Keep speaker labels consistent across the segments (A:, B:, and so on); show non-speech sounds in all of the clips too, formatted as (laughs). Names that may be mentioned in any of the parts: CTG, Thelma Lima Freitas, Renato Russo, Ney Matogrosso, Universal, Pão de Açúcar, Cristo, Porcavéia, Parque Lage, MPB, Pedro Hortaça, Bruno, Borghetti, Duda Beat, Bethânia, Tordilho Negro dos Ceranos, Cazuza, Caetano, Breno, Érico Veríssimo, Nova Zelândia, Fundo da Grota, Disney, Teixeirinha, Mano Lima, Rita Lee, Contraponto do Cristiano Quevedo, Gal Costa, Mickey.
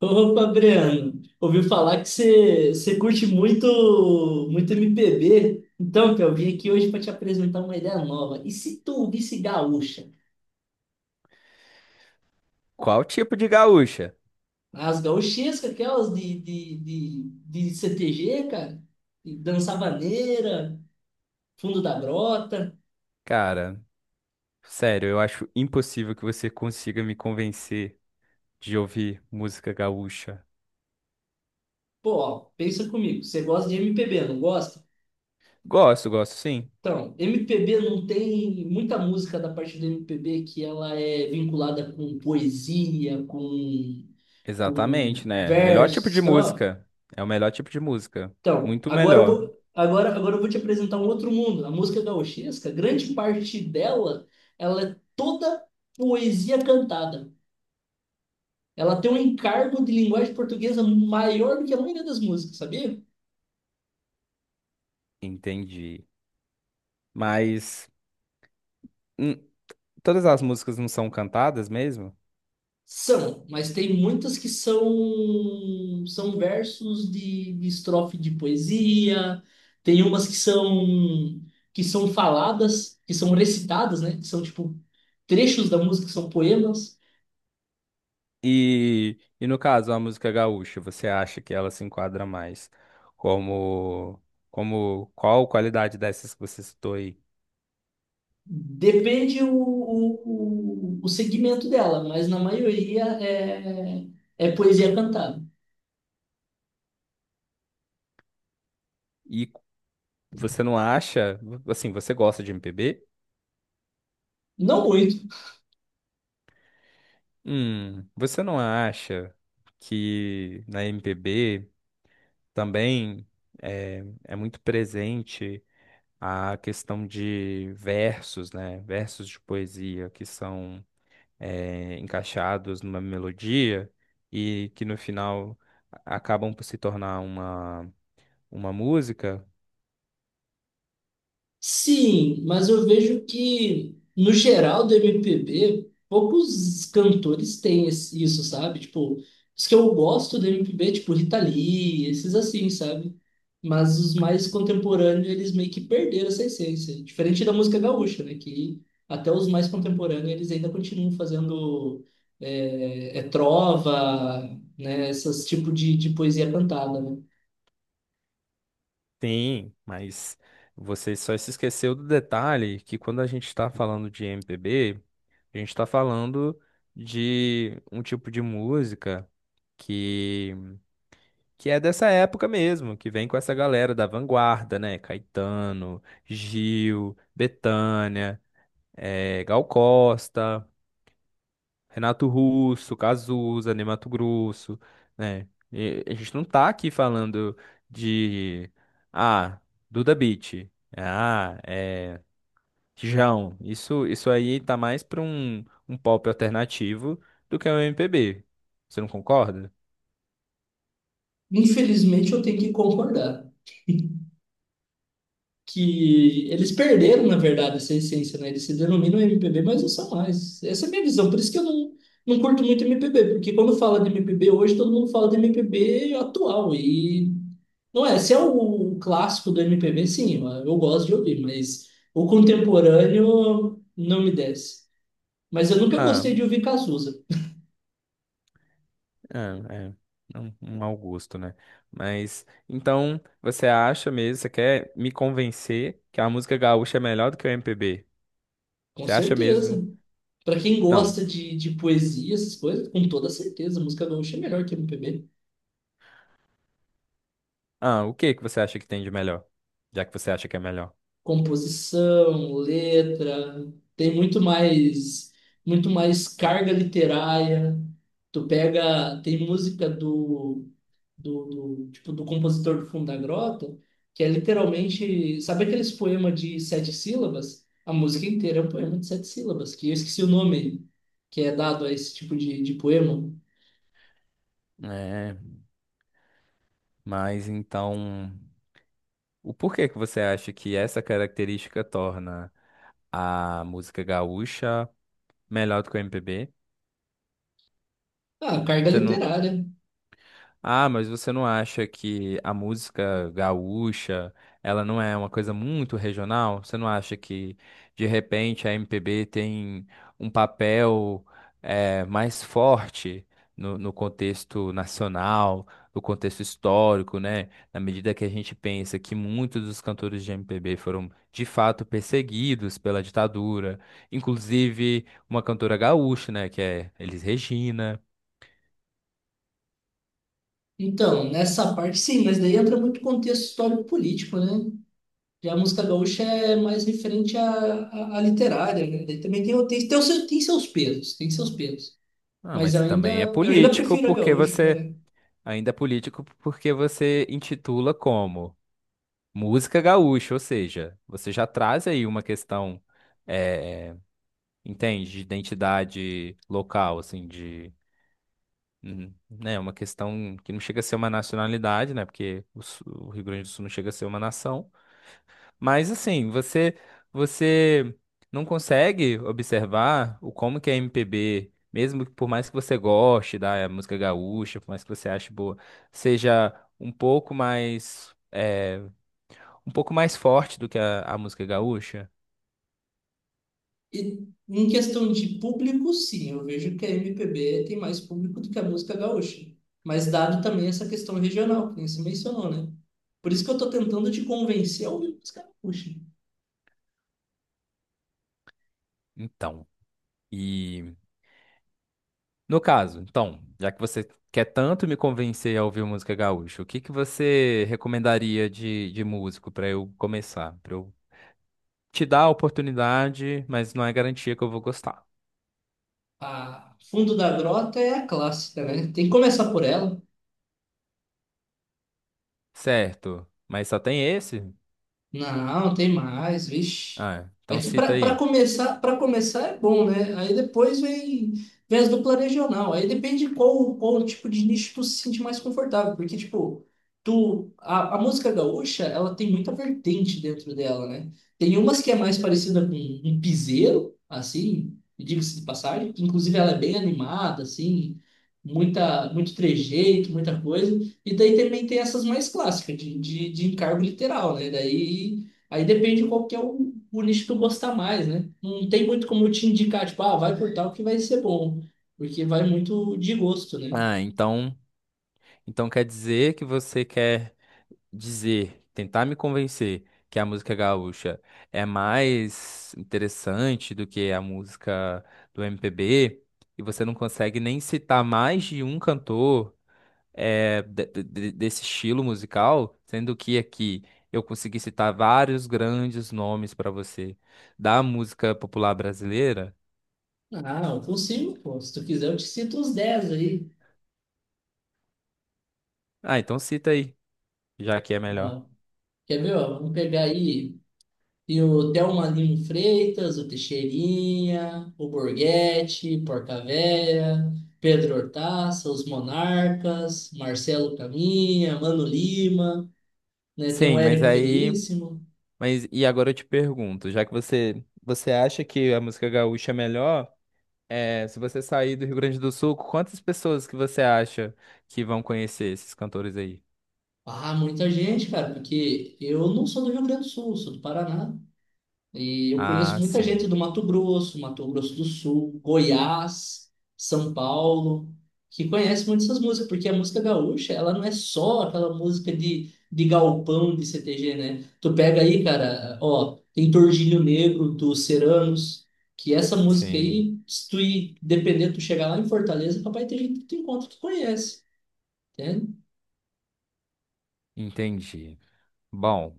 A: Opa, Breno, ouvi falar que você curte muito muito MPB. Então, que eu vim aqui hoje para te apresentar uma ideia nova. E se tu ouvisse gaúcha?
B: Qual tipo de gaúcha?
A: As gaúchescas, aquelas de CTG, cara, e Dança Vaneira, Fundo da Grota.
B: Cara, sério, eu acho impossível que você consiga me convencer de ouvir música gaúcha.
A: Pô, ó, pensa comigo, você gosta de MPB, não gosta?
B: Gosto, gosto sim.
A: Então, MPB não tem muita música da parte do MPB que ela é vinculada com poesia, com
B: Exatamente, né? Melhor tipo
A: versos,
B: de
A: estrofe.
B: música. É o melhor tipo de música.
A: Então,
B: Muito
A: agora eu
B: melhor.
A: vou, agora, agora eu vou te apresentar um outro mundo. A música gauchesca, grande parte dela, ela é toda poesia cantada. Ela tem um encargo de linguagem portuguesa maior do que a maioria das músicas, sabia?
B: Entendi. Mas hum, todas as músicas não são cantadas mesmo?
A: São, mas tem muitas que são versos de estrofe de poesia, tem umas que são faladas, que são recitadas, né? Que são tipo trechos da música, que são poemas.
B: E no caso, a música gaúcha, você acha que ela se enquadra mais como, como qual qualidade dessas que você citou aí?
A: Depende o segmento dela, mas na maioria é poesia cantada.
B: Você não acha, assim, você gosta de MPB?
A: Não muito.
B: Você não acha que na MPB também é muito presente a questão de versos, né? Versos de poesia que são encaixados numa melodia e que no final acabam por se tornar uma música?
A: Sim, mas eu vejo que, no geral do MPB, poucos cantores têm isso, sabe? Tipo, os que eu gosto do MPB, tipo Rita Lee, esses assim, sabe? Mas os mais contemporâneos, eles meio que perderam essa essência. Diferente da música gaúcha, né? Que até os mais contemporâneos, eles ainda continuam fazendo trova, né? Esses tipos de poesia cantada, né?
B: Sim, mas você só se esqueceu do detalhe que quando a gente está falando de MPB, a gente está falando de um tipo de música que, que é dessa época mesmo, que vem com essa galera da vanguarda, né? Caetano, Gil, Bethânia, Gal Costa, Renato Russo, Cazuza, Ney Matogrosso, né? E a gente não tá aqui falando de, ah, Duda Beat, ah, João, isso aí tá mais pra um, um pop alternativo do que um MPB. Você não concorda?
A: Infelizmente, eu tenho que concordar. (laughs) Que eles perderam, na verdade, essa essência, né? Eles se denominam MPB, mas não são mais. Essa é a minha visão. Por isso que eu não curto muito MPB, porque quando fala de MPB hoje, todo mundo fala de MPB atual. E não é, se é o clássico do MPB, sim, eu gosto de ouvir, mas o contemporâneo não me desce. Mas eu nunca
B: Ah,
A: gostei de ouvir Cazuza.
B: é, é. Um mau gosto, né? Mas, então, você acha mesmo, você quer me convencer que a música gaúcha é melhor do que o MPB?
A: Com
B: Você acha mesmo?
A: certeza. Para quem
B: Não.
A: gosta de poesia, essas coisas, com toda certeza, música gaúcha é melhor que MPB.
B: Ah, o que que você acha que tem de melhor? Já que você acha que é melhor.
A: Composição, letra, tem muito mais carga literária. Tu pega, tem música do, do tipo do compositor do Fundo da Grota, que é literalmente, sabe aqueles poemas de sete sílabas? A música inteira é um poema de sete sílabas, que eu esqueci o nome que é dado a esse tipo de poema.
B: É, mas então, o porquê que você acha que essa característica torna a música gaúcha melhor do que o MPB?
A: Ah, carga literária.
B: Ah, mas você não acha que a música gaúcha, ela não é uma coisa muito regional? Você não acha que, de repente, a MPB tem um papel mais forte no, no contexto nacional, no contexto histórico, né? Na medida que a gente pensa que muitos dos cantores de MPB foram, de fato, perseguidos pela ditadura, inclusive uma cantora gaúcha, né, que é Elis Regina.
A: Então, nessa parte, sim, mas daí entra muito contexto histórico-político, né? Já a música gaúcha é mais referente à literária, né? Daí também tem seus pesos, tem seus pesos.
B: Ah,
A: Mas
B: mas
A: eu ainda,
B: também é
A: eu ainda
B: político
A: prefiro a
B: porque
A: gaúcha,
B: você.
A: né?
B: Ainda é político porque você intitula como música gaúcha, ou seja, você já traz aí uma questão, eh, entende, de identidade local, assim, de. Hum, né, uma questão que não chega a ser uma nacionalidade, né? Porque o o Rio Grande do Sul não chega a ser uma nação. Mas assim, você não consegue observar o como que a MPB, mesmo que por mais que você goste da música gaúcha, por mais que você ache boa, seja um pouco mais um pouco mais forte do que a música gaúcha?
A: E em questão de público, sim, eu vejo que a MPB tem mais público do que a música gaúcha. Mas dado também essa questão regional, que nem você mencionou, né? Por isso que eu tô tentando te convencer a ouvir música gaúcha.
B: Então, e no caso, então, já que você quer tanto me convencer a ouvir música gaúcha, o que que você recomendaria de músico para eu começar, para eu te dar a oportunidade, mas não é garantia que eu vou gostar.
A: A Fundo da Grota é a clássica, né? Tem que começar por ela.
B: Certo. Mas só tem esse?
A: Não, tem mais, vixe.
B: Ah,
A: É
B: então
A: que
B: cita
A: para
B: aí.
A: começar, para começar é bom, né? Aí depois vem as dupla regional. Aí depende de qual tipo de nicho tu se sente mais confortável, porque tipo, a música gaúcha, ela tem muita vertente dentro dela, né? Tem umas que é mais parecida com um piseiro, assim, diga-se de passagem, inclusive ela é bem animada, assim, muita muito trejeito, muita coisa. E daí também tem essas mais clássicas, de encargo literal, né? Daí aí depende qual que é o nicho que tu gostar mais, né? Não tem muito como eu te indicar, tipo, ah, vai por tal que vai ser bom, porque vai muito de gosto, né?
B: Ah, então, então quer dizer que você quer dizer, tentar me convencer que a música gaúcha é mais interessante do que a música do MPB e você não consegue nem citar mais de um cantor desse estilo musical, sendo que aqui eu consegui citar vários grandes nomes para você da música popular brasileira.
A: Ah, eu consigo, pô. Se tu quiser, eu te cito uns 10 aí.
B: Ah, então cita aí. Já que é melhor.
A: Ó, quer ver, ó? Vamos pegar aí. E o Thelma Lima Freitas, o Teixeirinha, o Borghetti, Porcavéia, Pedro Hortaça, os Monarcas, Marcelo Caminha, Mano Lima, né? Tem o
B: Sim, mas
A: Érico
B: aí.
A: Veríssimo.
B: Mas e agora eu te pergunto, já que você acha que a música gaúcha é melhor, é, se você sair do Rio Grande do Sul, quantas pessoas que você acha que vão conhecer esses cantores aí?
A: Ah, muita gente, cara, porque eu não sou do Rio Grande do Sul, sou do Paraná. E eu conheço
B: Ah,
A: muita gente
B: sim,
A: do Mato Grosso, Mato Grosso do Sul, Goiás, São Paulo, que conhece muito essas músicas, porque a música gaúcha, ela não é só aquela música de galpão de CTG, né? Tu pega aí, cara, ó, tem Tordilho Negro dos Ceranos, que essa música
B: sim,
A: aí, se tu ir, dependendo, tu chegar lá em Fortaleza, papai, tem gente que tu encontra que conhece, né?
B: entendi. Bom,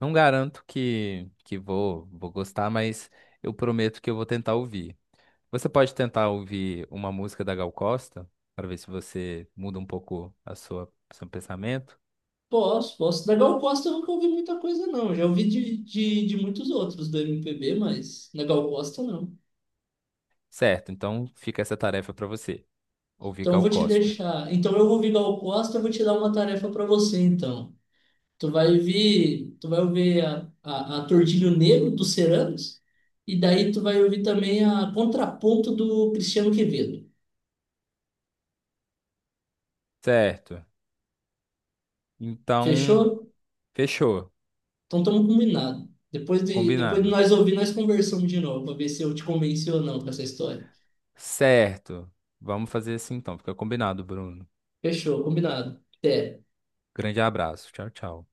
B: não garanto que vou gostar, mas eu prometo que eu vou tentar ouvir. Você pode tentar ouvir uma música da Gal Costa para ver se você muda um pouco a sua seu pensamento?
A: Posso, posso. Legal Costa eu nunca ouvi muita coisa, não. Já ouvi de muitos outros do MPB, mas Legal Costa não.
B: Certo, então fica essa tarefa para você, ouvir
A: Então eu
B: Gal
A: vou te
B: Costa.
A: deixar. Então eu vou ouvir Gal Costa, eu vou te dar uma tarefa para você, então. Tu vai ouvir a Tordilho Negro dos Ceranos, e daí tu vai ouvir também a Contraponto do Cristiano Quevedo.
B: Certo, então
A: Fechou?
B: fechou,
A: Então estamos combinados. Depois de
B: combinado.
A: nós ouvir, nós conversamos de novo, para ver se eu te convenci ou não com essa história.
B: Certo, vamos fazer assim então, fica combinado, Bruno.
A: Fechou, combinado. Até.
B: Grande abraço, tchau, tchau.